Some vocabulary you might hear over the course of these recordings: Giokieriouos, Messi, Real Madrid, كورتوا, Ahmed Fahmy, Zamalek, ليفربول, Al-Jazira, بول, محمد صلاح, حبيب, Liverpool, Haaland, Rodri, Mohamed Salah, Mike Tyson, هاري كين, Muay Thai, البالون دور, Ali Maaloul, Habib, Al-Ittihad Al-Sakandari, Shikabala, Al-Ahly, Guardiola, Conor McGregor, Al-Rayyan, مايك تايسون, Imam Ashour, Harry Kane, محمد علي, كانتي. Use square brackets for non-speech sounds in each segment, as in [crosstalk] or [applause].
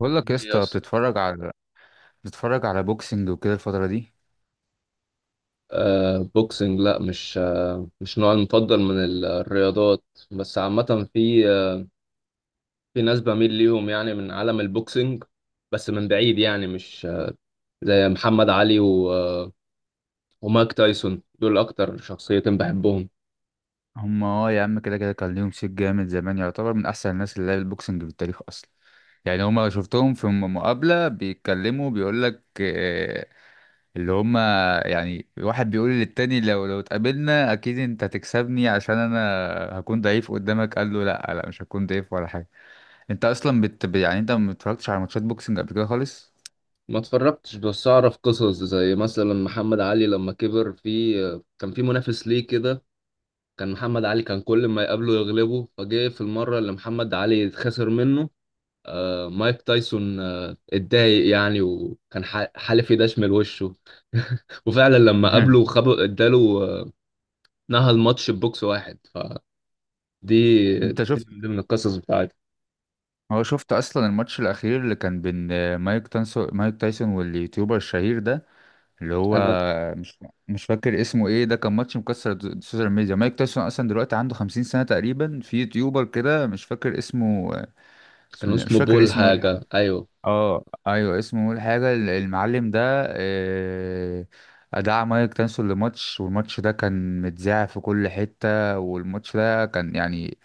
بقول لك يا إيه يا اسطى اسطى بتتفرج على بوكسنج وكده الفترة دي. بوكسنج، لا، مش نوعي المفضل من الرياضات. بس عامة في، في ناس بميل ليهم يعني من عالم البوكسنج، بس من بعيد، يعني مش زي محمد علي و آه ومايك تايسون. دول أكتر شخصيتين بحبهم. هم يا عم، كده كده كان ليهم صيت جامد زمان، يعتبر من احسن الناس اللي لعبت بوكسنج في التاريخ اصلا. يعني هم شفتهم في مقابلة بيتكلموا، بيقول لك اللي هم يعني واحد بيقول للتاني: لو اتقابلنا اكيد انت هتكسبني عشان انا هكون ضعيف قدامك. قال له: لا لا، مش هكون ضعيف ولا حاجة. انت اصلا يعني انت ما اتفرجتش على ماتشات بوكسنج قبل كده خالص؟ ما اتفرجتش، بس أعرف قصص زي مثلا محمد علي لما كبر. في آه كان في منافس ليه كده. محمد علي كان كل ما يقابله يغلبه فجه. في المرة اللي محمد علي خسر منه، مايك تايسون اتضايق يعني، وكان حالف يدشمل وشه. [laughs] وفعلا لما قابله خب [laughs] اداله نهى الماتش ببوكس واحد. فدي انت دي شفت من ضمن القصص بتاعتي. هو شفت اصلا الماتش الاخير اللي كان بين مايك تايسون واليوتيوبر الشهير ده؟ اللي هو انا. مش مش فاكر اسمه ايه، ده كان ماتش مكسر السوشيال ميديا. مايك تايسون اصلا دلوقتي عنده 50 سنة تقريبا، في يوتيوبر كده مش فاكر اسمه، بسم كان الله، مش اسمه فاكر بول اسمه ايه الحاجة. حاجة. ايوه. اه ايوه، اسمه ايه الحاجة المعلم ده؟ آه، دعا مايك تايسون لماتش، والماتش ده كان متذاع في كل حتة، والماتش ده كان يعني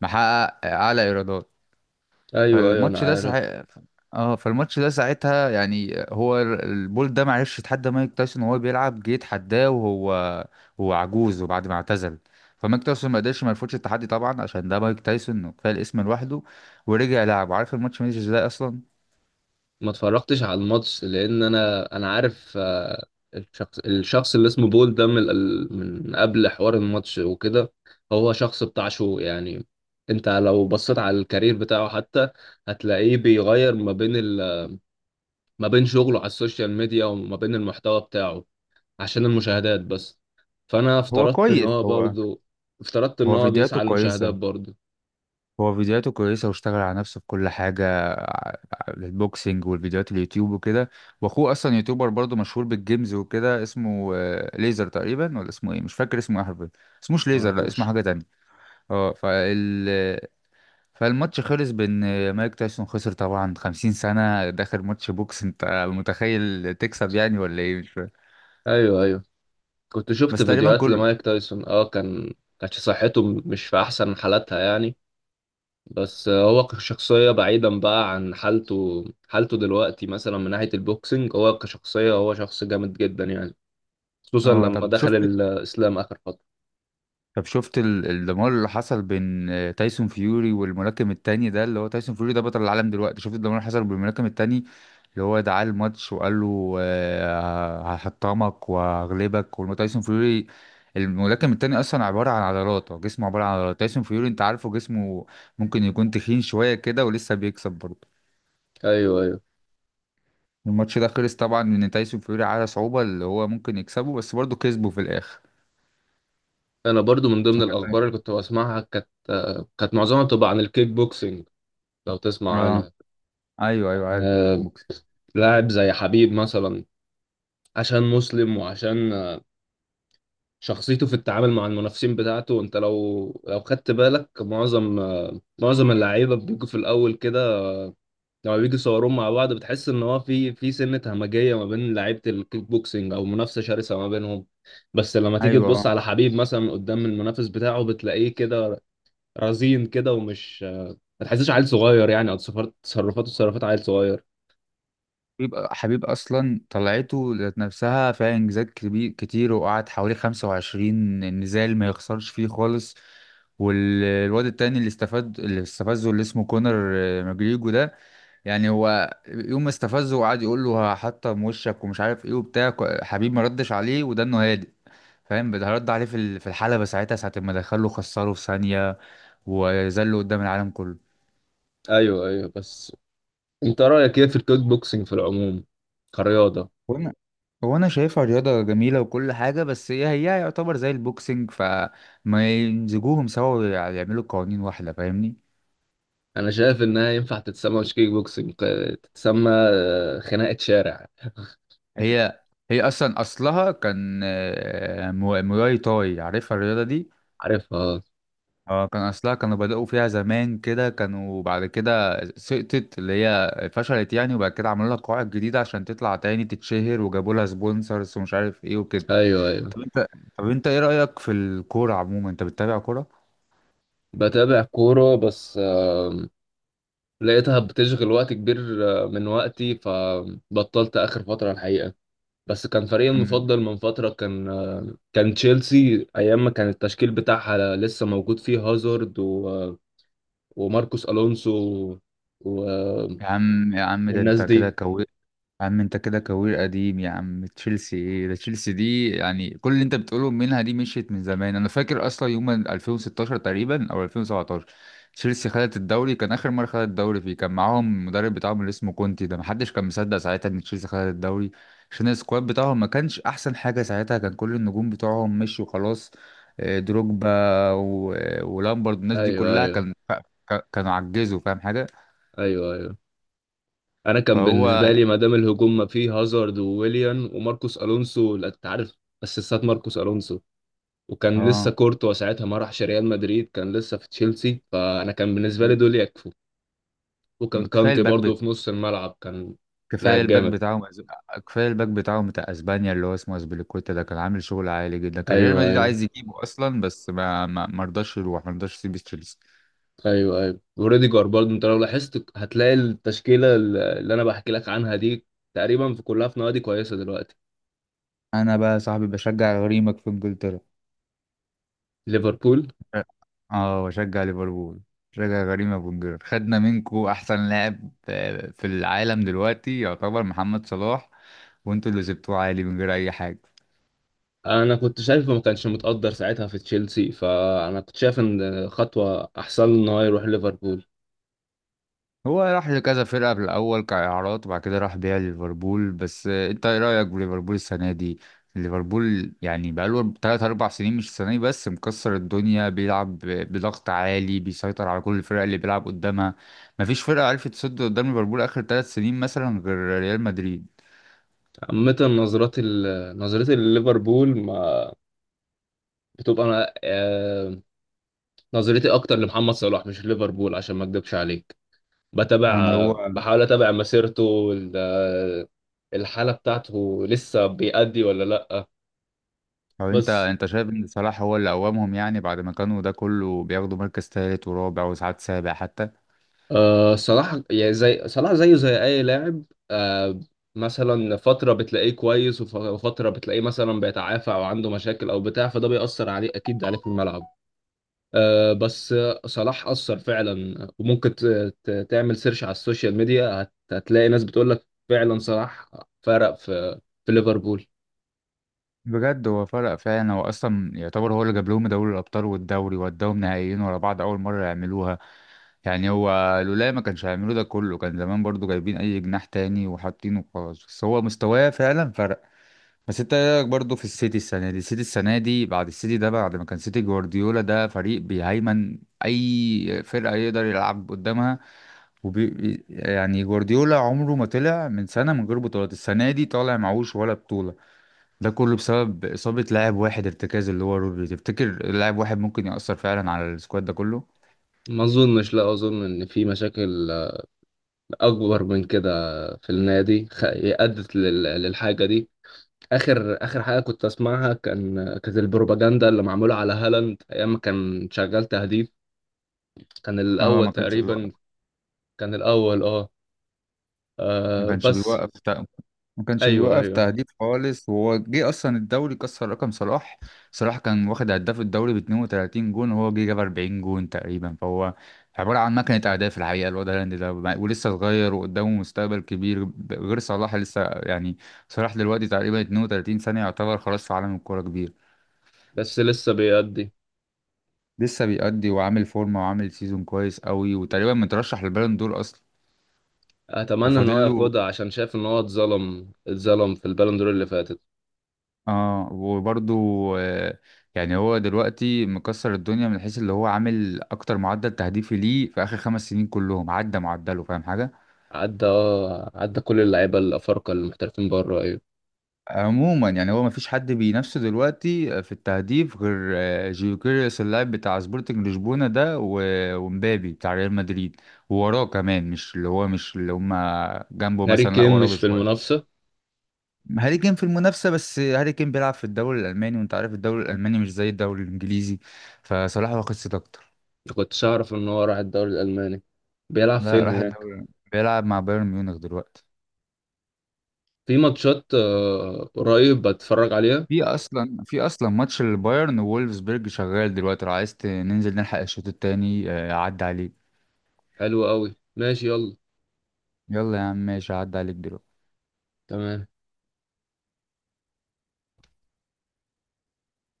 محقق اعلى ايرادات. ايوه ايوه انا فالماتش ده عارف. ساعة اه فالماتش ده ساعتها يعني هو البول ده معرفش يتحدى مايك تايسون وهو بيلعب، جه يتحداه وهو هو عجوز وبعد ما اعتزل. فمايك تايسون ما قدرش ما يرفضش التحدي طبعا عشان ده مايك تايسون وكفايه الاسم لوحده. ورجع لعب. عارف الماتش ماشي ازاي اصلا؟ ما اتفرجتش على الماتش لان انا عارف الشخص اللي اسمه بول ده، من من قبل حوار الماتش وكده، هو شخص بتاع شو يعني. انت لو بصيت على الكارير بتاعه حتى، هتلاقيه بيغير ما بين ما بين شغله على السوشيال ميديا وما بين المحتوى بتاعه، عشان المشاهدات بس. فانا هو افترضت ان كويس. هو هو برضو افترضت ان هو هو فيديوهاته بيسعى للمشاهدات كويسة برضو. هو فيديوهاته كويسة واشتغل على نفسه في كل حاجة، البوكسينج والفيديوهات اليوتيوب وكده. واخوه اصلا يوتيوبر برضه مشهور بالجيمز وكده، اسمه ليزر تقريبا، ولا اسمه ايه، مش فاكر اسمه ايه حرفيا. اسموش ليزر، لا اسمه معرفوش. حاجة تانية. اه، فالماتش خلص بان مايك تايسون خسر طبعا. 50 سنة داخل ماتش بوكس، انت متخيل تكسب يعني؟ ولا ايه، مش فاهم. ايوه ايوه، كنت شفت بس تقريبا فيديوهات كل... لمايك تايسون. اه، كانت صحته مش في احسن حالاتها يعني. بس هو كشخصية، بعيدا بقى عن حالته دلوقتي، مثلا من ناحية البوكسنج، هو كشخصية، هو شخص جامد جدا يعني. خصوصا اه، لما دخل الإسلام آخر فترة. طب شفت الدمار اللي حصل بين تايسون فيوري والملاكم التاني ده؟ اللي هو تايسون فيوري ده بطل العالم دلوقتي. شفت الدمار اللي حصل بالملاكم التاني؟ اللي هو دعاه الماتش وقال له هحطمك وهغلبك. والتايسون فيوري، الملاكم التاني اصلا عباره عن عضلات، هو جسمه عباره عن عضلات. تايسون فيوري انت عارفه، جسمه ممكن يكون تخين شويه كده ولسه بيكسب برضه. أيوه أيوه. الماتش ده خلص طبعا ان تايسون فيوري على صعوبه اللي هو ممكن يكسبه، بس برضه كسبه في الاخر. أنا برضو من ضمن الأخبار [laughs] اللي كنت بسمعها، كانت معظمها بتبقى عن الكيك بوكسنج. لو تسمع اه عنها. ايوه ايوه، كان عارف الكيك بوكس. لاعب زي حبيب مثلا، عشان مسلم، وعشان شخصيته في التعامل مع المنافسين بتاعته. انت لو خدت بالك، معظم معظم اللعيبه بيجوا في الاول كده، لما بيجوا يصوروهم مع بعض، بتحس ان هو في سنه همجيه ما بين لعيبه الكيك بوكسنج، او منافسه شرسه ما بينهم. بس لما تيجي ايوه، تبص آه. على حبيب مثلا قدام المنافس بتاعه، بتلاقيه كده رزين كده، ومش آه، ما تحسش عيل صغير يعني، او تصرفاته تصرفات عيل صغير. بيبقى حبيب اصلا طلعته ذات نفسها فيها انجازات كبير كتير، وقعد حوالي 25 نزال ما يخسرش فيه خالص. والواد التاني اللي استفاد، اللي استفزه، اللي اسمه كونر ماجريجو ده، يعني هو يوم ما استفزه وقعد يقول له هحطم وشك ومش عارف ايه وبتاع، حبيب ما ردش عليه وده انه هادئ فاهم. ده رد عليه في في الحلبة ساعتها، ساعة ما دخله خسره في ثانية وذله قدام العالم كله. ايوه ايوه. بس انت رايك ايه في الكيك بوكسنج في العموم، كرياضه؟ وانا وانا شايفها رياضة جميلة وكل حاجة، بس هي هي يعتبر زي البوكسنج، فما يمزجوهم سوا ويعملوا قوانين واحدة، فاهمني؟ انا شايف انها ينفع تتسمى، مش كيك بوكسنج، تتسمى خناقه شارع. هي هي اصلا اصلها كان مواي تاي، عارفها الرياضة دي؟ عارفها آه. اه، كان اصلها، كانوا بدأوا فيها زمان كده، كانوا بعد كده سقطت اللي هي فشلت يعني، وبعد كده عملوا لها قواعد جديدة عشان تطلع تاني تتشهر، وجابوا لها سبونسرز ومش عارف ايه وكده. ايوه ايوه. طب انت طب انت ايه رأيك في الكورة عموما، انت بتتابع كورة؟ بتابع كوره، بس لقيتها بتشغل وقت كبير من وقتي، فبطلت اخر فتره الحقيقه. بس كان فريقي المفضل من فتره، كان تشيلسي، ايام ما كان التشكيل بتاعها لسه موجود فيه هازارد و... آه، وماركوس الونسو و... آه، يا عم يا عم، ده والناس انت دي. كده كوير. يا عم انت كده كوير قديم يا عم، تشيلسي ايه ده؟ تشيلسي دي يعني كل اللي انت بتقوله منها دي مشيت من زمان. انا فاكر اصلا يوم 2016 تقريبا او 2017، تشيلسي خدت الدوري، كان اخر مره خدت الدوري فيه، كان معاهم المدرب بتاعهم اللي اسمه كونتي ده. محدش كان مصدق ساعتها ان تشيلسي خدت الدوري عشان السكواد بتاعهم ما كانش احسن حاجه ساعتها، كان كل النجوم بتوعهم مشوا خلاص. اه، دروجبا ولامبرد، الناس دي ايوه كلها ايوه كان كانوا عجزوا، فاهم حاجه. ايوه ايوه. انا كان فهو بالنسبه يعني لي ما دام الهجوم ما فيه هازارد وويليان وماركوس الونسو، لا، انت عارف اسيستات ماركوس الونسو. وكان لسه اه، كورتوا ساعتها، ما راحش ريال مدريد، كان لسه في تشيلسي. فانا كان بالنسبه لي دول يكفوا. وكان كفايه كانتي الباك برضه بت... في نص الملعب، كان كفايه لاعب الباك جامد. بتاعهم أز- كفايه الباك بتاعهم بتاع اسبانيا، اللي هو اسمه اسبليكويتا ده، كان عامل شغل عالي جدا، كان ريال ايوه مدريد ايوه عايز يجيبه اصلا بس ما رضاش يروح، ما رضاش يسيب تشيلسي. ايوه ايوه. وريديجر برضه، انت لو لاحظت هتلاقي التشكيله اللي انا بحكي لك عنها دي، تقريبا في كلها في نوادي كويسه دلوقتي. انا بقى يا صاحبي بشجع غريمك في انجلترا. ليفربول. اه، بشجع ليفربول. بشجع غريمه في انجلترا. خدنا منكو احسن لاعب في العالم دلوقتي، يعتبر محمد صلاح، وانتوا اللي سبتوه عالي من غير اي حاجه. انا كنت شايفه ما كانش متقدر ساعتها في تشيلسي، فانا كنت شايف ان خطوه احسن له ان هو يروح ليفربول. هو راح لكذا فرقة في الأول كإعارات وبعد كده راح بيع ليفربول. بس أنت إيه رأيك بليفربول السنة دي؟ ليفربول يعني بقاله 3 أربع سنين مش السنة دي بس، مكسر الدنيا، بيلعب بضغط عالي، بيسيطر على كل الفرق اللي بيلعب قدامها. مفيش فرقة عرفت تصد قدام ليفربول آخر 3 سنين مثلا غير ريال مدريد. عامه، نظرات نظرتي لليفربول ما بتبقى، انا نظرتي اكتر لمحمد صلاح، مش ليفربول، عشان ما اكدبش عليك. بتابع يعني هو، بحاول اتابع مسيرته، الحاله بتاعته، لسه بيأدي ولا لا؟ طب أنت بس أنت شايف إن صلاح هو اللي قومهم يعني بعد ما كانوا ده كله بياخدوا مركز تالت ورابع وساعات سابع حتى؟ أه، صلاح يعني زي صلاح، زيه زي أي لاعب. أه، مثلا فترة بتلاقيه كويس، وفترة بتلاقيه مثلا بيتعافى، أو عنده مشاكل أو بتاع، فده بيأثر عليه أكيد عليه في الملعب. أه، بس صلاح أثر فعلا. وممكن تعمل سيرش على السوشيال ميديا، هتلاقي ناس بتقول لك فعلا صلاح فرق في ليفربول. بجد هو فرق فعلا، هو اصلا يعتبر هو اللي جاب لهم دوري الابطال والدوري، وداهم نهائيين ورا بعض اول مره يعملوها. يعني هو لولا ما كانش هيعملوا ده كله، كان زمان برضو جايبين اي جناح تاني وحاطينه خلاص، بس هو مستواه فعلا فرق. بس انت ايه رايك برضو في السيتي السنه دي؟ السيتي السنه دي، بعد السيتي ده، بعد ما كان سيتي جوارديولا ده فريق بيهيمن، اي فرقه يقدر يلعب قدامها، يعني جوارديولا عمره ما طلع من سنه من غير بطولات. السنه دي طالع معهوش ولا بطوله، ده كله بسبب إصابة لاعب واحد ارتكاز اللي هو رودري. تفتكر لاعب واحد ممكن يأثر فعلا على السكواد ده كله؟ ما أظنش، لا، أظن إن في مشاكل أكبر من كده في النادي أدت للحاجة دي. اخر حاجه كنت اسمعها، كان كانت البروباجندا اللي معموله على هالاند ايام ما كان شغال تهديف. كان هو الاول ما كانش تقريبا. بيوقف. كان الاول اه. ما كانش بس. بيوقف تق- ما كانش ايوه بيوقف ايوه. تهديف خالص، وهو جه أصلا الدوري كسر رقم صلاح. صلاح كان واخد هداف الدوري ب 32 جون وهو جه جاب 40 جون تقريبا، فهو عبارة عن مكنة أهداف الحقيقة الواد هالاند ده، ولسه صغير وقدامه مستقبل كبير، غير صلاح لسه يعني. صلاح دلوقتي تقريبا 32 سنة، يعتبر خلاص في عالم الكورة كبير. بس لسه بيأدي. لسه بيأدي وعامل فورمة وعامل سيزون كويس قوي، وتقريبا مترشح للبالون دور أصلا. اتمنى ان وفاضل هو له. ياخدها عشان شايف ان هو اتظلم في البالون دور اللي فاتت. اه وبرضه آه يعني هو دلوقتي مكسر الدنيا، من حيث اللي هو عامل أكتر معدل تهديفي ليه في آخر 5 سنين كلهم عدى معدله، فاهم حاجة؟ عدى اه، عدى كل اللعيبه الافارقه المحترفين بره. ايوه. عموما يعني هو مفيش حد بينافسه دلوقتي في التهديف غير جيوكيريوس اللاعب بتاع سبورتنج لشبونة ده، ومبابي بتاع ريال مدريد. ووراه كمان، مش اللي هو مش اللي هما جنبه هاري مثلا، لا كين وراه مش في بشوية. المنافسه؟ هاري كين في المنافسة، بس هاري كين بيلعب في الدوري الألماني وأنت عارف الدوري الألماني مش زي الدوري الإنجليزي، فصلاح واخد صيت أكتر. ما كنتش اعرف ان هو راح الدوري الالماني. بيلعب لا فين راح هناك؟ الدوري. بيلعب مع بايرن ميونخ دلوقتي. في ماتشات قريب بتفرج عليها؟ في أصلا ماتش البايرن وولفسبرج شغال دلوقتي، لو عايز ننزل نلحق الشوط التاني، أعدي عليك. حلو قوي، ماشي، يلا. يلا يا عم ماشي، أعدي عليك دلوقتي. تمام.